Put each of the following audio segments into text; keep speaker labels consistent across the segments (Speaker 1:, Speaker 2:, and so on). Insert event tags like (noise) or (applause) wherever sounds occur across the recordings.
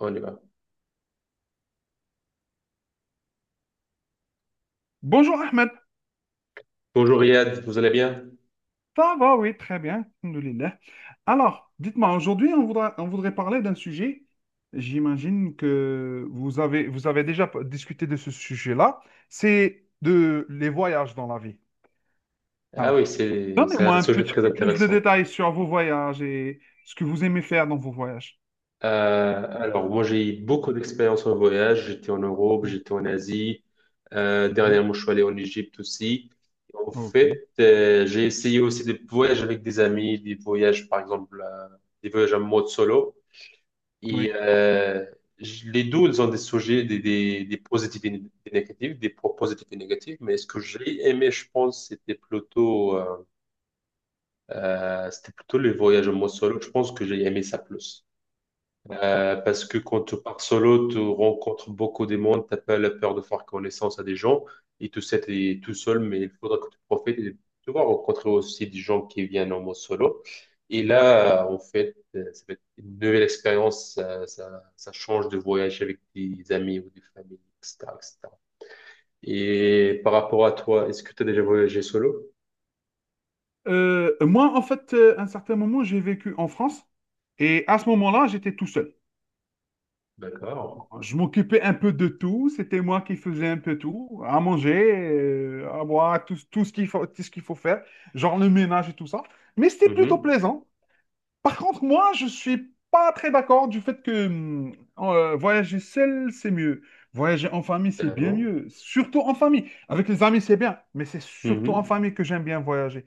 Speaker 1: On y va.
Speaker 2: Bonjour Ahmed,
Speaker 1: Bonjour Yad, vous allez bien?
Speaker 2: ça va? Oui, très bien. Alhamdoulilah. Alors, dites-moi, aujourd'hui, on voudrait parler d'un sujet. J'imagine que vous avez discuté de ce sujet-là. C'est de les voyages dans la vie.
Speaker 1: Ah oui,
Speaker 2: Alors,
Speaker 1: c'est
Speaker 2: donnez-moi
Speaker 1: un
Speaker 2: un
Speaker 1: sujet
Speaker 2: petit
Speaker 1: très
Speaker 2: peu plus de
Speaker 1: intéressant.
Speaker 2: détails sur vos voyages et ce que vous aimez faire dans vos voyages.
Speaker 1: Alors, moi, j'ai eu beaucoup d'expérience en voyage. J'étais en Europe, j'étais en Asie.
Speaker 2: Mhm.
Speaker 1: Dernièrement, je suis allé en Égypte aussi. En
Speaker 2: Ok,
Speaker 1: fait, j'ai essayé aussi des voyages avec des amis, des voyages, par exemple, des voyages en mode solo. Et
Speaker 2: oui.
Speaker 1: euh, les deux, ils ont des sujets, des positifs et des négatifs, des points positifs et négatifs. Mais ce que j'ai aimé, je pense, c'était plutôt les voyages en mode solo. Je pense que j'ai aimé ça plus. Parce que quand tu pars solo, tu rencontres beaucoup de monde, t'as pas la peur de faire connaissance à des gens, et tout ça, t'es tout seul, mais il faudra que tu profites et tu vas rencontrer aussi des gens qui viennent en mode solo. Et là, en fait, ça va être une nouvelle expérience, ça change de voyage avec des amis ou des familles, etc., etc. Et cetera. Et par rapport à toi, est-ce que tu as déjà voyagé solo?
Speaker 2: Moi, en fait, à un certain moment, j'ai vécu en France et à ce moment-là, j'étais tout seul.
Speaker 1: D'accord.
Speaker 2: Je m'occupais un peu de tout, c'était moi qui faisais un peu tout, à manger, à boire, tout ce qu'il faut, tout ce qu'il faut faire, genre le ménage et tout ça. Mais c'était plutôt
Speaker 1: Mhm.
Speaker 2: plaisant. Par contre, moi, je suis pas très d'accord du fait que voyager seul, c'est mieux. Voyager en famille, c'est bien
Speaker 1: D'accord.
Speaker 2: mieux. Surtout en famille. Avec les amis, c'est bien, mais c'est surtout en
Speaker 1: Mhm.
Speaker 2: famille que j'aime bien voyager.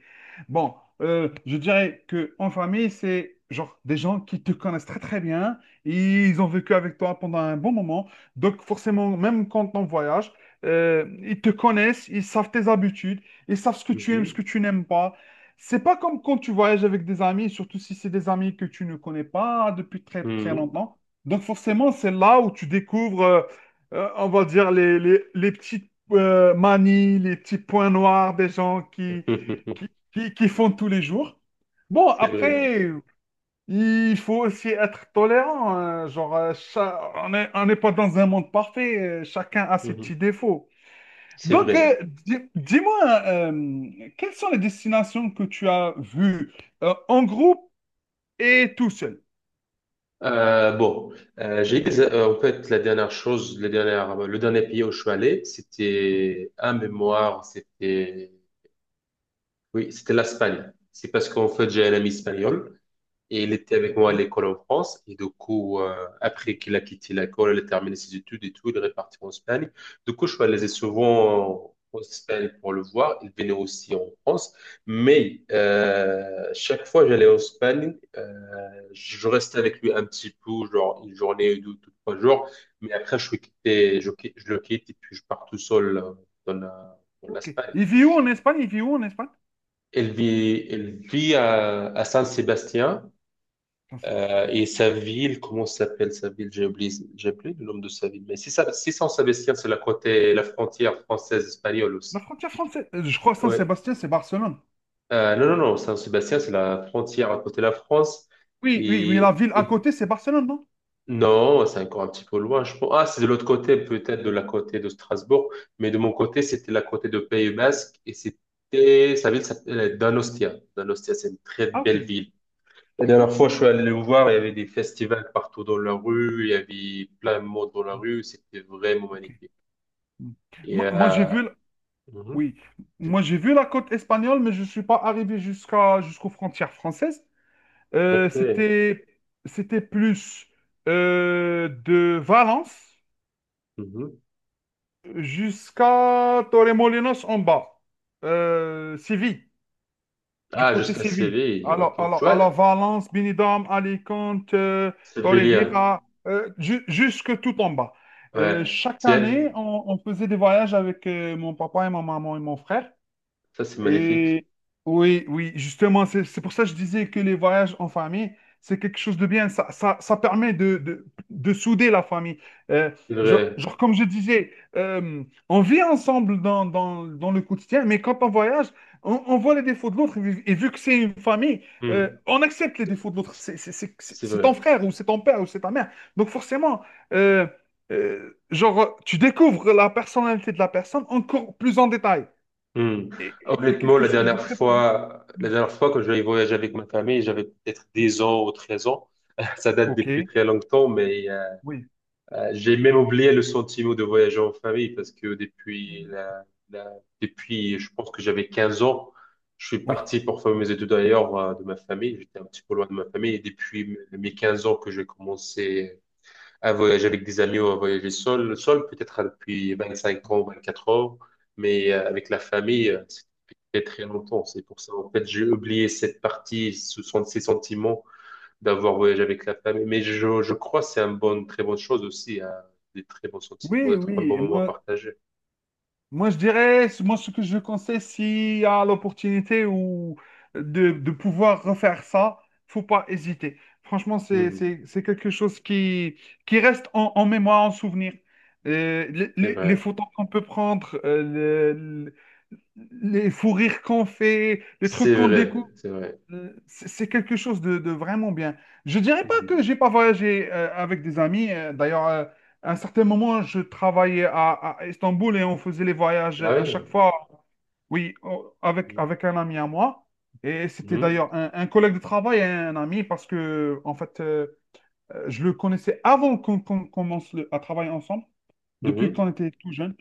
Speaker 2: Bon, je dirais que en famille, c'est genre des gens qui te connaissent très très bien. Ils ont vécu avec toi pendant un bon moment. Donc forcément, même quand on voyage, ils te connaissent, ils savent tes habitudes, ils savent ce que tu aimes, ce que
Speaker 1: Mhm.
Speaker 2: tu n'aimes pas. C'est pas comme quand tu voyages avec des amis, surtout si c'est des amis que tu ne connais pas depuis très très
Speaker 1: Mhm.
Speaker 2: longtemps. Donc forcément, c'est là où tu découvres, on va dire, les petites manies, les petits points noirs des gens
Speaker 1: (laughs)
Speaker 2: qui, qui font tous les jours. Bon,
Speaker 1: C'est vrai, hein.
Speaker 2: après, il faut aussi être tolérant, hein. On n'est pas dans un monde parfait. Chacun a ses
Speaker 1: Mhm.
Speaker 2: petits défauts.
Speaker 1: C'est
Speaker 2: Donc,
Speaker 1: vrai.
Speaker 2: dis-moi, quelles sont les destinations que tu as vues en groupe et tout seul?
Speaker 1: Bon, j'ai en fait la dernière chose, le dernier pays où je suis allé, c'était un mémoire, c'était, oui, c'était l'Espagne. C'est parce qu'en fait j'ai un ami espagnol. Et il était avec
Speaker 2: Ok,
Speaker 1: moi à l'école en France. Et du coup, après qu'il a quitté l'école, il a terminé ses études et tout, il est reparti en Espagne. Du coup, je suis allé souvent en Espagne pour le voir. Il venait aussi en France. Mais chaque fois que j'allais en Espagne, je restais avec lui un petit peu, genre une journée ou deux, trois jours. Mais après, je suis quitté, je, qui- je le quitte et puis je pars tout seul, dans
Speaker 2: ok.
Speaker 1: l'Espagne.
Speaker 2: Il vit où en Espagne? Il vit où en Espagne?
Speaker 1: Elle vit à, San Sébastien,
Speaker 2: Saint-Sébastien, ok.
Speaker 1: et sa ville, comment s'appelle sa ville? J'ai oublié le nom de sa ville. Mais si Saint-Sébastien, c'est la frontière française-espagnole
Speaker 2: La
Speaker 1: aussi.
Speaker 2: frontière française, je crois que
Speaker 1: Ouais.
Speaker 2: Saint-Sébastien, c'est Barcelone.
Speaker 1: Non, non, non, Saint-Sébastien, c'est la frontière à côté de la France.
Speaker 2: Oui, oui, mais la
Speaker 1: Et,
Speaker 2: ville à
Speaker 1: et-
Speaker 2: côté, c'est Barcelone, non?
Speaker 1: non, c'est encore un petit peu loin, je pense. Ah, c'est de l'autre côté, peut-être de la côté de Strasbourg. Mais de mon côté, c'était la côté de Pays Basque. Sa ville s'appelait Donostia. Donostia, c'est une très
Speaker 2: Ah, ok,
Speaker 1: belle ville. La dernière
Speaker 2: ok,
Speaker 1: fois, je suis allé le voir, il y avait des festivals partout dans la rue, il y avait plein de monde dans la rue, c'était vraiment
Speaker 2: ok.
Speaker 1: magnifique.
Speaker 2: Hmm.
Speaker 1: Et,
Speaker 2: Moi, j'ai vu,
Speaker 1: mhm,
Speaker 2: oui, moi, j'ai vu la côte espagnole, mais je ne suis pas arrivé jusqu'aux frontières françaises. Euh,
Speaker 1: ok,
Speaker 2: c'était, C'était plus de Valence
Speaker 1: mhm.
Speaker 2: jusqu'à Torremolinos en bas. Séville, du
Speaker 1: Ah,
Speaker 2: côté
Speaker 1: jusqu'à
Speaker 2: Séville.
Speaker 1: Séville,
Speaker 2: Alors,
Speaker 1: ok. Tu
Speaker 2: alors, alors
Speaker 1: vois,
Speaker 2: Valence, Benidorm, Alicante,
Speaker 1: Sévillien,
Speaker 2: Torrevieja, jusque tout en bas.
Speaker 1: ouais,
Speaker 2: Chaque
Speaker 1: tiens,
Speaker 2: année, on faisait des voyages avec mon papa et ma maman et mon frère.
Speaker 1: ça c'est magnifique,
Speaker 2: Et oui, oui, justement, c'est pour ça que je disais que les voyages en famille, c'est quelque chose de bien. Ça ça permet de, de souder la famille. Euh,
Speaker 1: c'est vrai,
Speaker 2: genre, comme je disais, on vit ensemble dans le quotidien, mais quand on voyage, on voit les défauts de l'autre. Vu vu que c'est une famille,
Speaker 1: hmm,
Speaker 2: on accepte les défauts de l'autre.
Speaker 1: c'est
Speaker 2: C'est
Speaker 1: vrai.
Speaker 2: ton frère ou c'est ton père ou c'est ta mère. Donc forcément, euh, tu découvres la personnalité de la personne encore plus en détail.
Speaker 1: Hmm.
Speaker 2: Et c'est
Speaker 1: Honnêtement,
Speaker 2: quelque
Speaker 1: la
Speaker 2: chose de
Speaker 1: dernière
Speaker 2: très positif.
Speaker 1: fois, la dernière fois que j'avais voyagé avec ma famille, j'avais peut-être 10 ans ou 13 ans, (laughs) ça date
Speaker 2: Ok,
Speaker 1: depuis très longtemps, mais
Speaker 2: oui,
Speaker 1: J'ai même oublié le sentiment de voyager en famille parce que la- depuis, je pense que j'avais 15 ans, je suis
Speaker 2: oui,
Speaker 1: parti pour faire mes études ailleurs, de ma famille. J'étais un petit peu loin de ma famille et depuis mes 15 ans que j'ai commencé à voyager avec des amis ou à voyager seul, peut-être depuis 25 ans, 24 ans, mais avec la famille, c'était très longtemps. C'est pour ça, en fait, j'ai oublié cette partie, ce sont ces sentiments d'avoir voyagé avec la famille. Mais je crois que c'est une bonne, très bonne chose aussi, hein, des très bons sentiments,
Speaker 2: oui,
Speaker 1: d'être un
Speaker 2: oui.
Speaker 1: bon
Speaker 2: Et
Speaker 1: moment à
Speaker 2: moi,
Speaker 1: partager.
Speaker 2: moi, je dirais, moi, ce que je conseille, s'il y a l'opportunité ou de, pouvoir refaire ça, faut pas hésiter. Franchement,
Speaker 1: Mhm.
Speaker 2: c'est quelque chose qui reste en, en mémoire, en souvenir.
Speaker 1: C'est
Speaker 2: Les
Speaker 1: vrai,
Speaker 2: photos qu'on peut prendre, les fous rires qu'on fait, les trucs
Speaker 1: c'est
Speaker 2: qu'on
Speaker 1: vrai,
Speaker 2: découvre.
Speaker 1: c'est vrai.
Speaker 2: C'est quelque chose de vraiment bien. Je dirais pas
Speaker 1: Mhm.
Speaker 2: que j'ai pas voyagé avec des amis. D'ailleurs, à un certain moment, à Istanbul et on faisait les voyages
Speaker 1: Ah
Speaker 2: à chaque
Speaker 1: oui.
Speaker 2: fois, oui, avec un ami à moi. Et c'était
Speaker 1: Mhm.
Speaker 2: d'ailleurs un collègue de travail et un ami parce que, en fait, je le connaissais avant qu'on commence à travailler ensemble depuis
Speaker 1: Mhm.
Speaker 2: qu'on était tout jeune.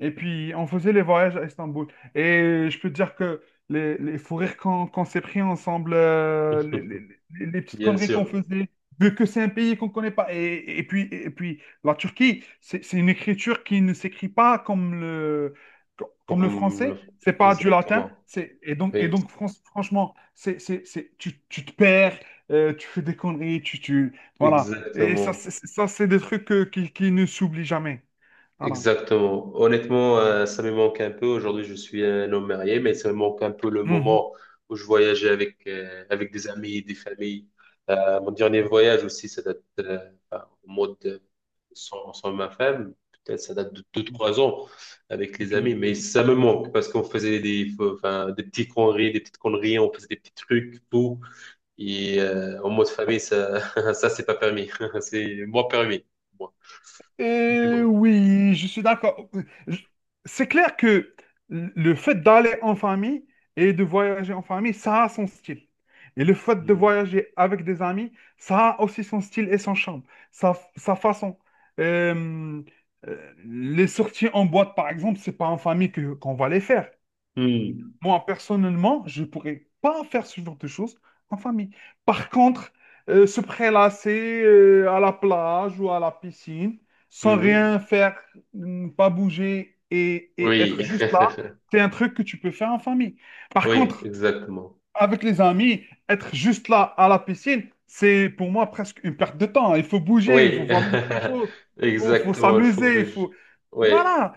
Speaker 2: Et puis, on faisait les voyages à Istanbul. Et je peux te dire que les fous rires qu'on s'est pris ensemble,
Speaker 1: (laughs)
Speaker 2: les petites
Speaker 1: Bien
Speaker 2: conneries qu'on
Speaker 1: sûr,
Speaker 2: faisait, vu que c'est un pays qu'on ne connaît pas. Et puis, la Turquie, c'est une écriture qui ne s'écrit pas comme le
Speaker 1: comme le-
Speaker 2: français. C'est pas du latin.
Speaker 1: exactement.
Speaker 2: Et
Speaker 1: Oui,
Speaker 2: donc franchement, c'est, tu te perds, tu fais des conneries, voilà. Et ça,
Speaker 1: exactement.
Speaker 2: c'est des trucs qui ne s'oublient jamais. Voilà.
Speaker 1: Exactement. Honnêtement, ça me manque un peu. Aujourd'hui, je suis un homme marié, mais ça me manque un peu le
Speaker 2: Mhm.
Speaker 1: moment où je voyageais avec des amis, des familles. Mon dernier voyage aussi, ça date, enfin, sans ma femme. Peut-être ça date de deux trois ans avec les
Speaker 2: Ok.
Speaker 1: amis, mais ça me manque parce qu'on faisait enfin, des petites conneries, on faisait des petits trucs, tout. Et en mode famille, ça, (laughs) ça c'est pas permis. (laughs) C'est moi permis. Moi. Mais
Speaker 2: Et
Speaker 1: bon.
Speaker 2: oui, je suis d'accord. Je- C'est clair que le fait d'aller en famille et de voyager en famille, ça a son style. Et le fait de
Speaker 1: Hmm.
Speaker 2: voyager avec des amis, ça a aussi son style et son charme, sa façon. Euh, les sorties en boîte, par exemple, c'est pas en famille que qu'on va les faire.
Speaker 1: Hmm.
Speaker 2: Moi, personnellement, je pourrais pas faire ce genre de choses en famille. Par contre, se prélasser à la plage ou à la piscine, sans
Speaker 1: Mhm.
Speaker 2: rien faire, ne pas bouger et
Speaker 1: Oui, (laughs)
Speaker 2: être juste là, c'est un truc que tu peux faire en famille. Par
Speaker 1: oui,
Speaker 2: contre,
Speaker 1: exactement.
Speaker 2: avec les amis, être juste là à la piscine, c'est pour moi presque une perte de temps. Il faut bouger, il faut
Speaker 1: Oui,
Speaker 2: voir d'autres
Speaker 1: (laughs)
Speaker 2: choses, faut
Speaker 1: exactement, le faux
Speaker 2: s'amuser, il faut...
Speaker 1: BG. Oui,
Speaker 2: Voilà.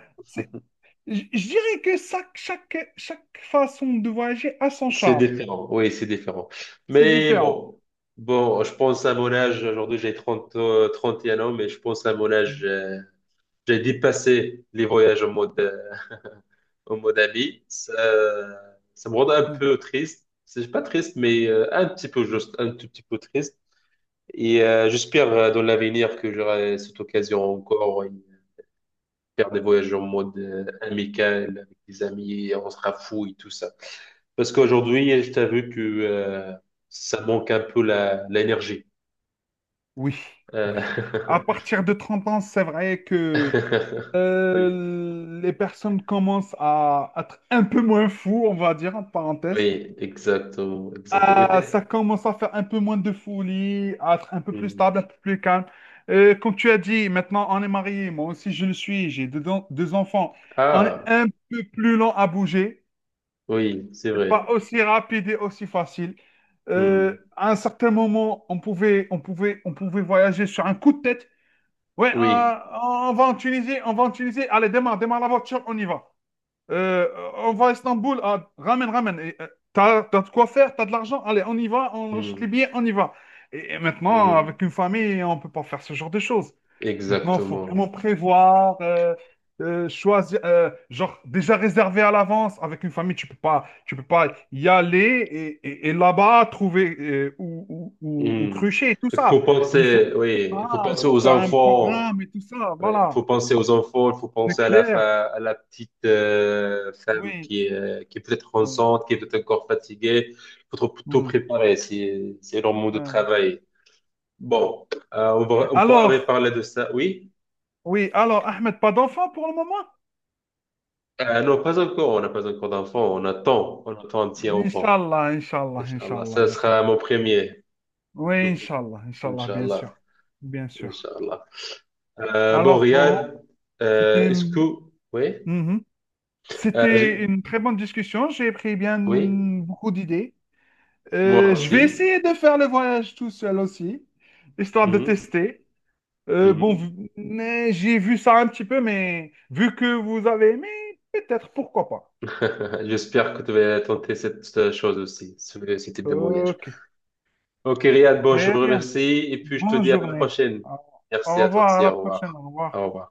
Speaker 2: Je dirais que ça, chaque façon de voyager a son
Speaker 1: c'est
Speaker 2: charme.
Speaker 1: différent. Oui, c'est différent.
Speaker 2: C'est
Speaker 1: Mais
Speaker 2: différent.
Speaker 1: bon, je pense à mon âge, aujourd'hui j'ai 30 31 ans, mais je pense à mon âge,
Speaker 2: Mm,
Speaker 1: j'ai dépassé les voyages en mode ami. Ça me rend un
Speaker 2: mm.
Speaker 1: peu triste. C'est pas triste, mais, un petit peu juste, un tout petit peu triste. Et j'espère, dans l'avenir, que j'aurai cette occasion encore faire des voyages en mode, amical, avec des amis, on se rafouille, tout ça. Parce qu'aujourd'hui, je t'avoue que, ça manque un peu l'énergie.
Speaker 2: Oui, oui. À
Speaker 1: Euh,
Speaker 2: partir de 30 ans, c'est vrai que
Speaker 1: (laughs) Oui.
Speaker 2: les personnes commencent à être un peu moins fous, on va dire, en parenthèse.
Speaker 1: Oui, exactement, exactement. Oui.
Speaker 2: Ah, ça commence à faire un peu moins de folie, à être un peu plus
Speaker 1: Hmm.
Speaker 2: stable, un peu plus calme. Comme tu as dit, maintenant on est marié, moi aussi je le suis, deux enfants. On est
Speaker 1: Ah,
Speaker 2: un peu plus lent à bouger.
Speaker 1: oui, c'est
Speaker 2: C'est
Speaker 1: vrai.
Speaker 2: pas aussi rapide et aussi facile.
Speaker 1: Hmm.
Speaker 2: À un certain moment, on pouvait voyager sur un coup de tête. Ouais,
Speaker 1: Oui,
Speaker 2: on va en Tunisie, on va en Tunisie. Allez, démarre la voiture, on y va. Euh, on va à Istanbul, ah, ramène. Et, t'as de quoi faire, t'as de l'argent, allez, on y va, on achète
Speaker 1: hmm.
Speaker 2: les billets, on y va. Et maintenant,
Speaker 1: Hmm.
Speaker 2: avec une famille, on peut pas faire ce genre de choses. Maintenant, il faut vraiment
Speaker 1: Exactement.
Speaker 2: prévoir, choisir, genre déjà réservé à l'avance. Avec une famille, tu peux pas y aller et là-bas trouver ou
Speaker 1: Hmm.
Speaker 2: crucher et tout
Speaker 1: Il faut
Speaker 2: ça. Il faut,
Speaker 1: penser, oui, il faut
Speaker 2: ah, il
Speaker 1: penser
Speaker 2: faut
Speaker 1: aux
Speaker 2: faire un
Speaker 1: enfants.
Speaker 2: programme et tout ça,
Speaker 1: Ouais, il
Speaker 2: voilà.
Speaker 1: faut penser aux enfants, il faut
Speaker 2: C'est
Speaker 1: penser à la,
Speaker 2: clair,
Speaker 1: fa- à la petite, femme
Speaker 2: oui.
Speaker 1: qui est peut-être
Speaker 2: Oui.
Speaker 1: enceinte, qui est peut-être encore fatiguée. Il faut tout
Speaker 2: Hmm.
Speaker 1: préparer, c'est leur monde de
Speaker 2: Ouais.
Speaker 1: travail. Bon, on pourra
Speaker 2: Alors,
Speaker 1: reparler de ça, oui?
Speaker 2: oui, alors, Ahmed, pas d'enfant pour le moment?
Speaker 1: Non, pas encore, on n'a pas encore d'enfant, on attend un petit enfant.
Speaker 2: Inch'Allah, Inch'Allah,
Speaker 1: Inch'Allah,
Speaker 2: Inch'Allah,
Speaker 1: ça sera
Speaker 2: Inch'Allah.
Speaker 1: mon premier.
Speaker 2: Oui,
Speaker 1: (laughs)
Speaker 2: Inch'Allah, Inch'Allah, bien
Speaker 1: Inch'Allah,
Speaker 2: sûr. Bien sûr.
Speaker 1: Inch'Allah. Bon,
Speaker 2: Alors, bon,
Speaker 1: Riyad,
Speaker 2: c'était
Speaker 1: est-ce que...
Speaker 2: une...
Speaker 1: Oui?
Speaker 2: Mhm.
Speaker 1: Euh,
Speaker 2: C'était
Speaker 1: j'ai-
Speaker 2: une très bonne discussion. J'ai pris bien
Speaker 1: Oui?
Speaker 2: beaucoup d'idées.
Speaker 1: Moi
Speaker 2: Je vais
Speaker 1: aussi.
Speaker 2: essayer de faire le voyage tout seul aussi, histoire de
Speaker 1: Mhm.
Speaker 2: tester. Bon,
Speaker 1: Mhm.
Speaker 2: mais j'ai vu ça un petit peu, mais vu que vous avez aimé, peut-être, pourquoi pas.
Speaker 1: (laughs) J'espère que tu vas tenter cette chose aussi, ce type de voyage.
Speaker 2: Ok.
Speaker 1: Ok, Riyad, bon, je
Speaker 2: Très
Speaker 1: vous
Speaker 2: bien.
Speaker 1: remercie et puis je te
Speaker 2: Bonne
Speaker 1: dis à la
Speaker 2: journée.
Speaker 1: prochaine.
Speaker 2: Au
Speaker 1: Merci
Speaker 2: Au
Speaker 1: à toi
Speaker 2: revoir, à
Speaker 1: aussi,
Speaker 2: la
Speaker 1: au
Speaker 2: prochaine.
Speaker 1: revoir.
Speaker 2: Au revoir.
Speaker 1: Au revoir.